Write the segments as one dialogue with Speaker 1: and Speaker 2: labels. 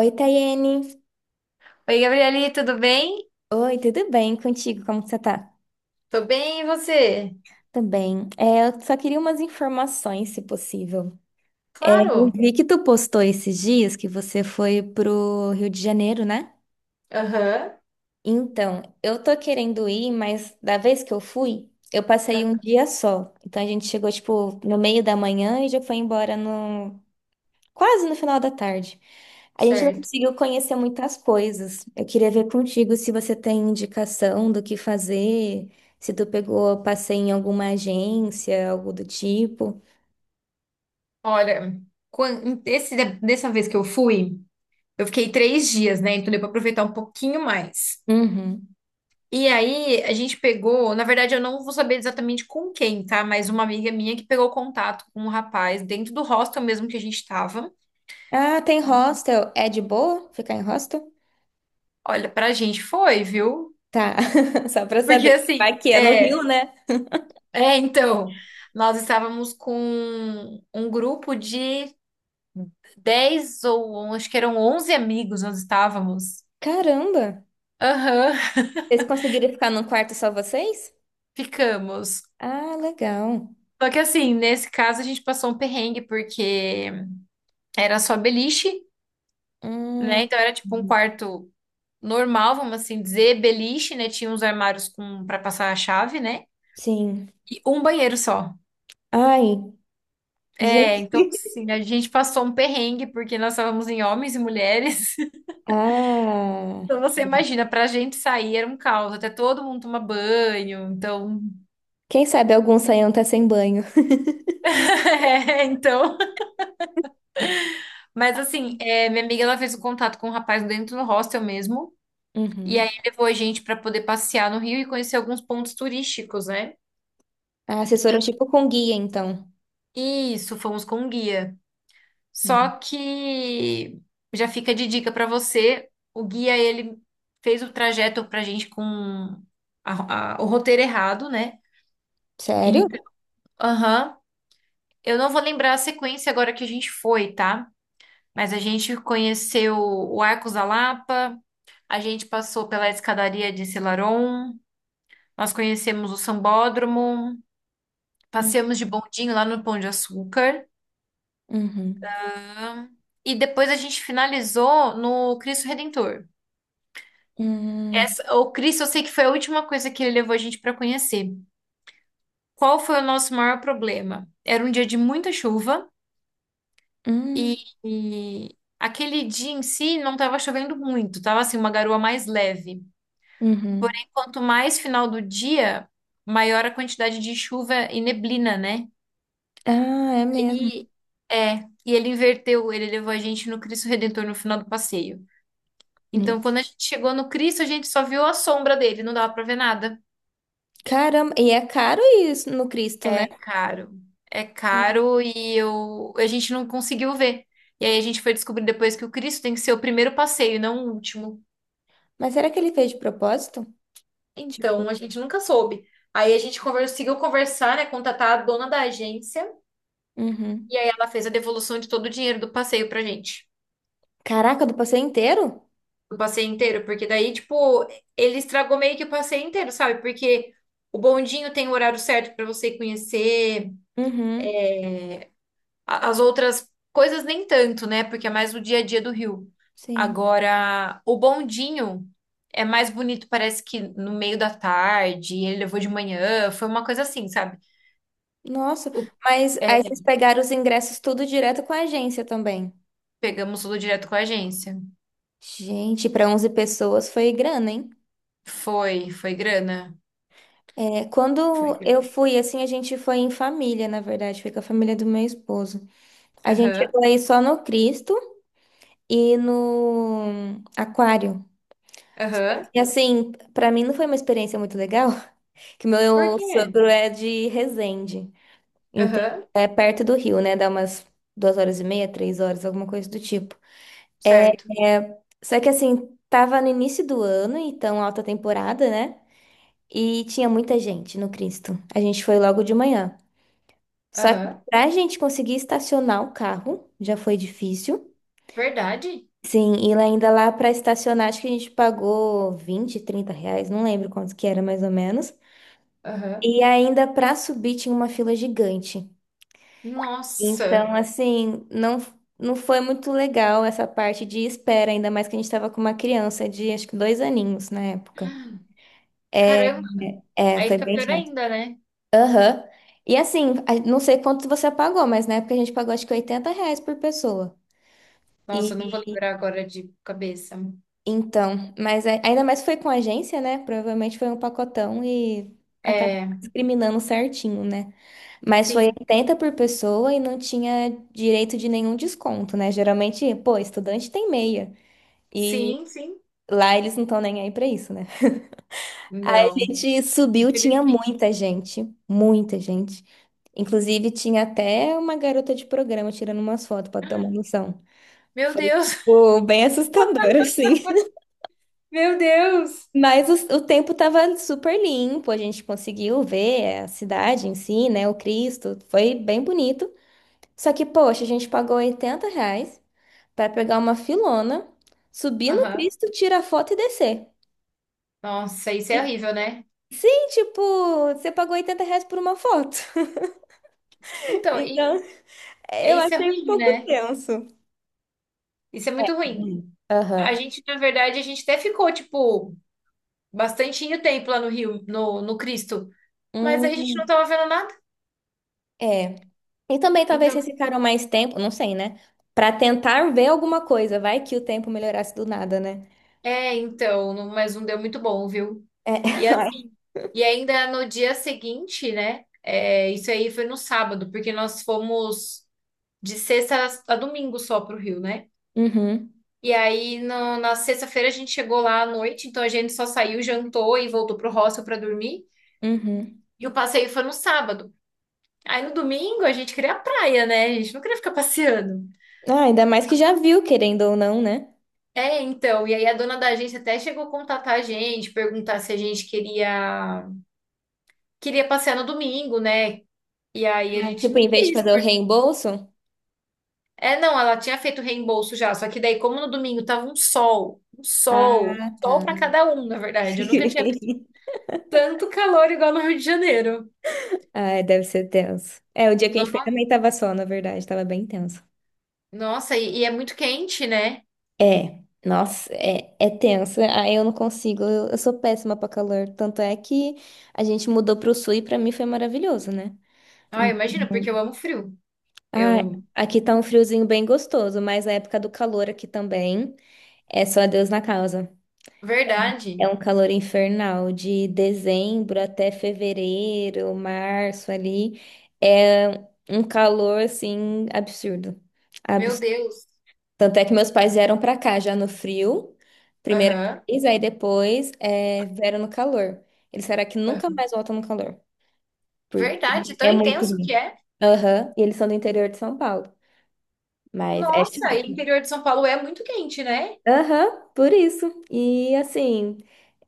Speaker 1: Oi, Tayene.
Speaker 2: Oi, Gabriele, tudo bem?
Speaker 1: Oi, tudo bem contigo? Como que você tá?
Speaker 2: Tô bem, e você?
Speaker 1: Também. Eu só queria umas informações, se possível. Eu
Speaker 2: Claro.
Speaker 1: vi que tu postou esses dias que você foi pro Rio de Janeiro, né?
Speaker 2: Aham,
Speaker 1: Então, eu tô querendo ir, mas da vez que eu fui, eu passei um
Speaker 2: ah,
Speaker 1: dia só. Então a gente chegou, tipo, no meio da manhã e já foi embora quase no final da tarde. A gente não
Speaker 2: certo.
Speaker 1: conseguiu conhecer muitas coisas. Eu queria ver contigo se você tem indicação do que fazer, se tu pegou passeio em alguma agência, algo do tipo.
Speaker 2: Olha, quan- esse, dessa vez que eu fui, eu fiquei 3 dias, né? Então deu pra aproveitar um pouquinho mais.
Speaker 1: Uhum.
Speaker 2: E aí a gente pegou, na verdade eu não vou saber exatamente com quem, tá? Mas uma amiga minha que pegou contato com um rapaz dentro do hostel mesmo que a gente tava.
Speaker 1: Ah, tem hostel. É de boa ficar em hostel?
Speaker 2: Olha, pra gente foi, viu?
Speaker 1: Tá, só pra
Speaker 2: Porque
Speaker 1: saber.
Speaker 2: assim,
Speaker 1: Vai que é no Rio, né?
Speaker 2: então, nós estávamos com um grupo de 10 ou acho que eram 11 amigos nós estávamos.
Speaker 1: Caramba!
Speaker 2: Aham,
Speaker 1: Vocês conseguiram ficar num quarto só vocês?
Speaker 2: ficamos.
Speaker 1: Ah, legal.
Speaker 2: Só que assim, nesse caso a gente passou um perrengue porque era só beliche,
Speaker 1: Hum,
Speaker 2: né? Então era tipo um quarto normal, vamos assim dizer, beliche, né? Tinha uns armários com para passar a chave, né?
Speaker 1: sim.
Speaker 2: E um banheiro só.
Speaker 1: Ai,
Speaker 2: É,
Speaker 1: gente.
Speaker 2: então assim, a gente passou um perrengue porque nós estávamos em homens e mulheres.
Speaker 1: Ah,
Speaker 2: Então você imagina, pra gente sair era um caos, até todo mundo toma banho, então.
Speaker 1: quem sabe algum saião tá sem banho.
Speaker 2: É, então, mas assim, é, minha amiga ela fez o contato com um rapaz dentro do hostel mesmo. E aí
Speaker 1: Uhum.
Speaker 2: levou a gente para poder passear no Rio e conhecer alguns pontos turísticos, né?
Speaker 1: Ah, assessoram tipo com guia, então.
Speaker 2: Isso, fomos com um guia.
Speaker 1: Hum.
Speaker 2: Só que já fica de dica para você, o guia ele fez o trajeto pra gente com o roteiro errado, né?
Speaker 1: Sério?
Speaker 2: Então, aham. Eu não vou lembrar a sequência agora que a gente foi, tá? Mas a gente conheceu o Arcos da Lapa, a gente passou pela escadaria de Selarón, nós conhecemos o Sambódromo,
Speaker 1: Hum,
Speaker 2: passeamos de bondinho lá no Pão de Açúcar
Speaker 1: Uhum.
Speaker 2: e depois a gente finalizou no Cristo Redentor.
Speaker 1: Hum,
Speaker 2: Essa, o Cristo, eu sei que foi a última coisa que ele levou a gente para conhecer. Qual foi o nosso maior problema? Era um dia de muita chuva e,
Speaker 1: hum,
Speaker 2: e aquele dia em si não estava chovendo muito, estava assim uma garoa mais leve.
Speaker 1: uhum.
Speaker 2: Quanto mais final do dia, maior a quantidade de chuva e neblina, né?
Speaker 1: Ah, é mesmo.
Speaker 2: E é, e ele inverteu, ele levou a gente no Cristo Redentor no final do passeio.
Speaker 1: Hum.
Speaker 2: Então, quando a gente chegou no Cristo, a gente só viu a sombra dele, não dava pra ver nada.
Speaker 1: Caramba, e é caro isso no Cristo, né?
Speaker 2: É caro. É
Speaker 1: Sim.
Speaker 2: caro e eu, a gente não conseguiu ver. E aí a gente foi descobrir depois que o Cristo tem que ser o primeiro passeio, não o último.
Speaker 1: Mas será que ele fez de propósito?
Speaker 2: Então,
Speaker 1: Tipo,
Speaker 2: a gente nunca soube. Aí a gente conseguiu conversar, né, contatar a dona da agência
Speaker 1: uhum.
Speaker 2: e aí ela fez a devolução de todo o dinheiro do passeio pra gente.
Speaker 1: Caraca, do passeio inteiro?
Speaker 2: O passeio inteiro, porque daí, tipo, ele estragou meio que o passeio inteiro, sabe? Porque o bondinho tem o horário certo pra você conhecer,
Speaker 1: Uhum,
Speaker 2: é, as outras coisas nem tanto, né? Porque é mais o dia a dia do Rio.
Speaker 1: sim.
Speaker 2: Agora, o bondinho é mais bonito, parece que no meio da tarde, ele levou de manhã, foi uma coisa assim, sabe?
Speaker 1: Nossa,
Speaker 2: O-
Speaker 1: mas aí
Speaker 2: é,
Speaker 1: vocês pegaram os ingressos tudo direto com a agência também.
Speaker 2: pegamos tudo direto com a agência.
Speaker 1: Gente, para 11 pessoas foi grana, hein?
Speaker 2: Foi, foi grana.
Speaker 1: Quando
Speaker 2: Foi
Speaker 1: eu
Speaker 2: grana.
Speaker 1: fui, assim, a gente foi em família, na verdade, foi com a família do meu esposo. A gente
Speaker 2: Aham,
Speaker 1: chegou aí só no Cristo e no Aquário.
Speaker 2: aham.
Speaker 1: E assim, pra mim não foi uma experiência muito legal, que
Speaker 2: Por
Speaker 1: meu
Speaker 2: quê?
Speaker 1: sogro é de Resende, então
Speaker 2: Aham,
Speaker 1: é perto do Rio, né? Dá umas 2 horas e meia, 3 horas, alguma coisa do tipo. É,
Speaker 2: certo.
Speaker 1: Só que assim, tava no início do ano, então alta temporada, né? E tinha muita gente no Cristo. A gente foi logo de manhã. Só que
Speaker 2: Aham.
Speaker 1: pra gente conseguir estacionar o carro, já foi difícil.
Speaker 2: Verdade?
Speaker 1: Sim, e lá ainda lá para estacionar, acho que a gente pagou 20, 30 reais, não lembro quanto que era mais ou menos.
Speaker 2: Aham.
Speaker 1: E ainda para subir tinha uma fila gigante. Então,
Speaker 2: Nossa,
Speaker 1: assim, não, não foi muito legal essa parte de espera, ainda mais que a gente estava com uma criança de acho que 2 aninhos na época. É,
Speaker 2: caramba. Aí
Speaker 1: Foi
Speaker 2: fica
Speaker 1: bem
Speaker 2: pior
Speaker 1: chato.
Speaker 2: ainda, né?
Speaker 1: Aham. E assim, não sei quanto você pagou, mas na época a gente pagou acho que R$ 80 por pessoa.
Speaker 2: Nossa, eu não vou lembrar agora de cabeça.
Speaker 1: Então, mas ainda mais foi com a agência, né? Provavelmente foi um pacotão e acabou
Speaker 2: É,
Speaker 1: discriminando certinho, né? Mas foi
Speaker 2: sim,
Speaker 1: 80 por pessoa e não tinha direito de nenhum desconto, né? Geralmente, pô, estudante tem meia. E
Speaker 2: sim, sim.
Speaker 1: lá eles não estão nem aí pra isso, né? Aí a
Speaker 2: Não,
Speaker 1: gente subiu, tinha
Speaker 2: infelizmente
Speaker 1: muita
Speaker 2: não.
Speaker 1: gente, muita gente. Inclusive, tinha até uma garota de programa tirando umas fotos pra ter uma noção.
Speaker 2: Meu
Speaker 1: Foi,
Speaker 2: Deus,
Speaker 1: tipo, bem assustador, assim.
Speaker 2: meu Deus.
Speaker 1: Mas o tempo estava super limpo, a gente conseguiu ver a cidade em si, né? O Cristo, foi bem bonito. Só que, poxa, a gente pagou R$ 80 para pegar uma filona, subir no
Speaker 2: Aham.
Speaker 1: Cristo, tirar foto e descer.
Speaker 2: Nossa, isso é
Speaker 1: E,
Speaker 2: horrível, né?
Speaker 1: sim, tipo, você pagou R$ 80 por uma foto.
Speaker 2: Então, e,
Speaker 1: Então, eu
Speaker 2: isso é
Speaker 1: achei um
Speaker 2: ruim,
Speaker 1: pouco
Speaker 2: né?
Speaker 1: tenso.
Speaker 2: Isso é muito ruim.
Speaker 1: Hum.
Speaker 2: A
Speaker 1: Aham.
Speaker 2: gente, na verdade, a gente até ficou, tipo, bastante tempo lá no Rio, no, no Cristo. Mas a gente não
Speaker 1: Hum,
Speaker 2: tava vendo nada.
Speaker 1: é. E também talvez
Speaker 2: Então,
Speaker 1: vocês ficaram mais tempo, não sei, né? Para tentar ver alguma coisa, vai que o tempo melhorasse do nada, né?
Speaker 2: é, então, mas não deu muito bom, viu?
Speaker 1: É.
Speaker 2: E assim, e ainda no dia seguinte, né? É, isso aí foi no sábado, porque nós fomos de sexta a domingo só pro Rio, né?
Speaker 1: Uhum,
Speaker 2: E aí na sexta-feira a gente chegou lá à noite, então a gente só saiu, jantou e voltou pro hostel pra dormir.
Speaker 1: uhum.
Speaker 2: E o passeio foi no sábado. Aí no domingo a gente queria a praia, né? A gente não queria ficar passeando.
Speaker 1: Ah, ainda mais que já viu, querendo ou não, né?
Speaker 2: É, então, e aí a dona da agência até chegou a contatar a gente, perguntar se a gente queria. Queria passear no domingo, né? E aí a
Speaker 1: Ah,
Speaker 2: gente
Speaker 1: tipo,
Speaker 2: não
Speaker 1: em vez de
Speaker 2: quis.
Speaker 1: fazer o
Speaker 2: Por...
Speaker 1: reembolso.
Speaker 2: É, não, ela tinha feito reembolso já, só que daí, como no domingo tava um sol, um sol, um
Speaker 1: Ah, tá.
Speaker 2: sol para cada um, na verdade. Eu nunca tinha visto tanto calor igual no Rio de Janeiro.
Speaker 1: Ah, deve ser tenso. É, o dia que a
Speaker 2: No-
Speaker 1: gente foi também tava só, na verdade, tava bem tenso.
Speaker 2: Nossa, e é muito quente, né?
Speaker 1: É, nossa, é tenso. Ah, eu não consigo, eu sou péssima pra calor. Tanto é que a gente mudou pro sul e pra mim foi maravilhoso, né?
Speaker 2: Ah,
Speaker 1: Então,
Speaker 2: imagina, porque eu amo frio.
Speaker 1: ah,
Speaker 2: Eu,
Speaker 1: aqui tá um friozinho bem gostoso, mas a época do calor aqui também é só Deus na causa.
Speaker 2: verdade.
Speaker 1: É um calor infernal de dezembro até fevereiro, março ali. É um calor assim absurdo.
Speaker 2: Meu
Speaker 1: Abs-
Speaker 2: Deus.
Speaker 1: Tanto é que meus pais vieram pra cá já no frio, primeira
Speaker 2: Aham.
Speaker 1: vez, aí depois vieram no calor. Eles será que nunca mais voltam no calor, porque
Speaker 2: Verdade, tão
Speaker 1: é muito
Speaker 2: intenso que
Speaker 1: ruim.
Speaker 2: é.
Speaker 1: Aham, e eles são do interior de São Paulo, mas é
Speaker 2: Nossa, e o
Speaker 1: chato.
Speaker 2: interior de São Paulo é muito quente, né?
Speaker 1: Aham, por isso. E assim,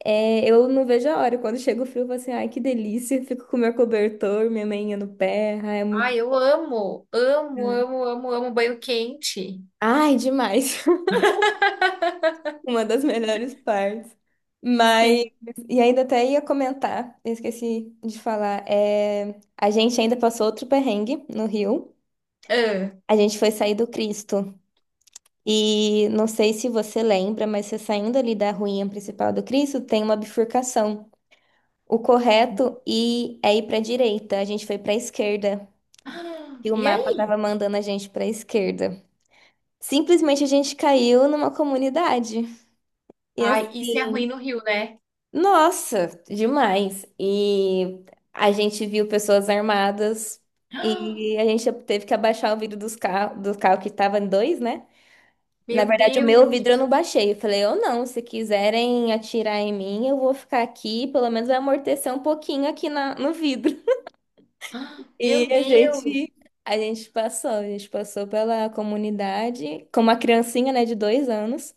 Speaker 1: eu não vejo a hora. Quando chega o frio, eu falo assim, ai, que delícia. Fico com meu cobertor, minha meinha no pé. Ai, é muito.
Speaker 2: Ai, eu amo, amo, amo, amo, amo banho quente.
Speaker 1: Ai, demais. Uma das melhores partes. Mas,
Speaker 2: Sim.
Speaker 1: e ainda até ia comentar, eu esqueci de falar. A gente ainda passou outro perrengue no Rio.
Speaker 2: Ah.
Speaker 1: A gente foi sair do Cristo. E não sei se você lembra, mas você saindo ali da ruinha principal do Cristo, tem uma bifurcação. O correto e é ir para a direita. A gente foi para a esquerda
Speaker 2: Ah,
Speaker 1: e o
Speaker 2: e
Speaker 1: mapa
Speaker 2: aí?
Speaker 1: tava mandando a gente para a esquerda. Simplesmente a gente caiu numa comunidade. E
Speaker 2: Ai, isso é
Speaker 1: assim,
Speaker 2: ruim no Rio, né?
Speaker 1: nossa, demais. E a gente viu pessoas armadas
Speaker 2: Ah,
Speaker 1: e a gente teve que abaixar o vidro dos carro, do carro que tava em dois, né? Na
Speaker 2: meu
Speaker 1: verdade, o meu vidro eu
Speaker 2: Deus!
Speaker 1: não baixei. Eu falei, eu não, se quiserem atirar em mim, eu vou ficar aqui, pelo menos vai amortecer um pouquinho aqui na, no vidro.
Speaker 2: Ah,
Speaker 1: E
Speaker 2: meu
Speaker 1: a
Speaker 2: Deus!
Speaker 1: gente, a gente passou, a gente passou pela comunidade com uma criancinha, né, de 2 anos,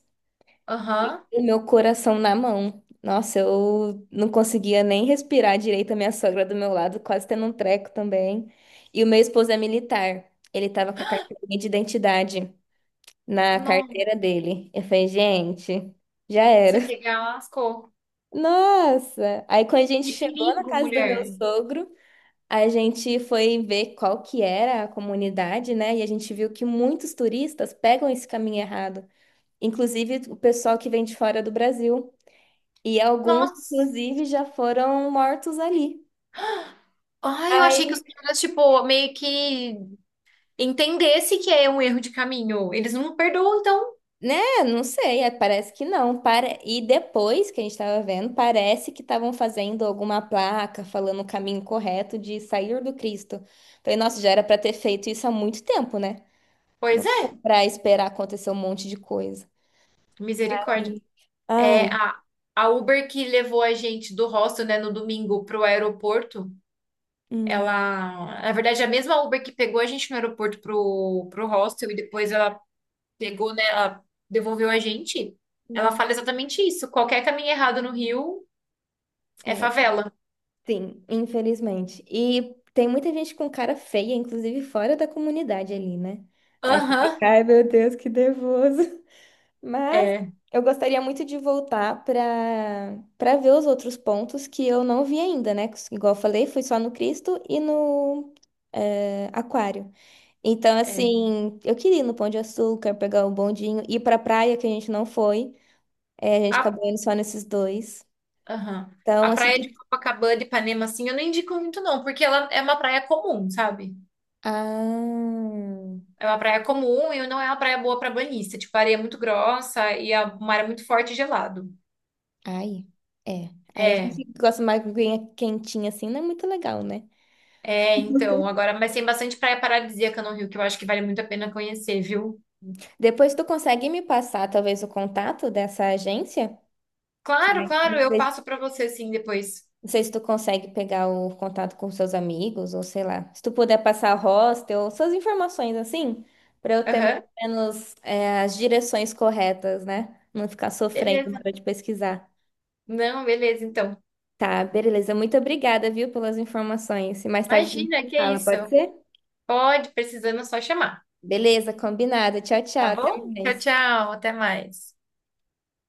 Speaker 2: Aham.
Speaker 1: e meu coração na mão. Nossa, eu não conseguia nem respirar direito, a minha sogra do meu lado, quase tendo um treco também. E o meu esposo é militar, ele tava com a carteirinha de identidade na
Speaker 2: Não.
Speaker 1: carteira dele. Eu falei, gente, já era.
Speaker 2: Se pegar, lascou.
Speaker 1: Nossa! Aí quando a gente
Speaker 2: Que
Speaker 1: chegou na
Speaker 2: perigo,
Speaker 1: casa do meu
Speaker 2: mulher.
Speaker 1: sogro, a gente foi ver qual que era a comunidade, né? E a gente viu que muitos turistas pegam esse caminho errado, inclusive o pessoal que vem de fora do Brasil. E alguns,
Speaker 2: Nossa.
Speaker 1: inclusive, já foram mortos ali.
Speaker 2: Ai, eu achei que
Speaker 1: Aí,
Speaker 2: os caras, tipo, meio que entendesse que é um erro de caminho. Eles não perdoam, então.
Speaker 1: né? Não sei, parece que não. E depois que a gente estava vendo, parece que estavam fazendo alguma placa falando o caminho correto de sair do Cristo. Falei, nossa, já era para ter feito isso há muito tempo, né? Não
Speaker 2: Pois é,
Speaker 1: para esperar acontecer um monte de coisa.
Speaker 2: misericórdia.
Speaker 1: Aí,
Speaker 2: É
Speaker 1: ai,
Speaker 2: a Uber que levou a gente do hostel, né, no domingo para o aeroporto.
Speaker 1: hum.
Speaker 2: Ela, na verdade, é a mesma Uber que pegou a gente no aeroporto pro hostel e depois ela pegou, né, ela devolveu a gente. Ela
Speaker 1: Uhum.
Speaker 2: fala exatamente isso. Qualquer caminho errado no Rio é
Speaker 1: É,
Speaker 2: favela.
Speaker 1: sim, infelizmente. E tem muita gente com cara feia, inclusive fora da comunidade ali, né? Aí você
Speaker 2: Aham,
Speaker 1: fica, ai meu Deus, que nervoso. Mas
Speaker 2: é,
Speaker 1: eu gostaria muito de voltar para ver os outros pontos que eu não vi ainda, né? Igual eu falei, fui só no Cristo e no Aquário. Então,
Speaker 2: é.
Speaker 1: assim, eu queria ir no Pão de Açúcar, pegar o bondinho, ir para praia que a gente não foi. É, a gente
Speaker 2: A,
Speaker 1: acabou indo só nesses dois.
Speaker 2: aham. A
Speaker 1: Então, assim,
Speaker 2: praia de Copacabana e Ipanema, assim, eu não indico muito não, porque ela é uma praia comum, sabe?
Speaker 1: ah,
Speaker 2: É uma praia comum e não é uma praia boa para banhista. Tipo, a areia é muito grossa e o mar é muito forte e gelado.
Speaker 1: ai, é. Aí a
Speaker 2: É,
Speaker 1: gente gosta mais de aguinha quentinha assim, não é muito legal, né?
Speaker 2: então, agora, mas tem bastante praia paradisíaca no Rio que eu acho que vale muito a pena conhecer, viu?
Speaker 1: Depois tu consegue me passar talvez o contato dessa agência?
Speaker 2: Claro,
Speaker 1: Que
Speaker 2: claro,
Speaker 1: não
Speaker 2: eu
Speaker 1: sei,
Speaker 2: passo para você sim depois.
Speaker 1: não sei se tu consegue pegar o contato com seus amigos ou sei lá. Se tu puder passar o hostel, suas informações assim, pra eu ter mais
Speaker 2: Aham,
Speaker 1: ou menos as direções corretas, né? Não ficar sofrendo na
Speaker 2: beleza.
Speaker 1: hora de pesquisar.
Speaker 2: Não, beleza, então.
Speaker 1: Tá, beleza. Muito obrigada, viu, pelas informações. E mais tarde a gente
Speaker 2: Imagina,
Speaker 1: se
Speaker 2: que
Speaker 1: fala,
Speaker 2: isso.
Speaker 1: pode ser?
Speaker 2: Pode, precisando, é só chamar.
Speaker 1: Beleza, combinado. Tchau, tchau.
Speaker 2: Tá
Speaker 1: Até
Speaker 2: bom? Tchau,
Speaker 1: mais.
Speaker 2: tchau, até mais.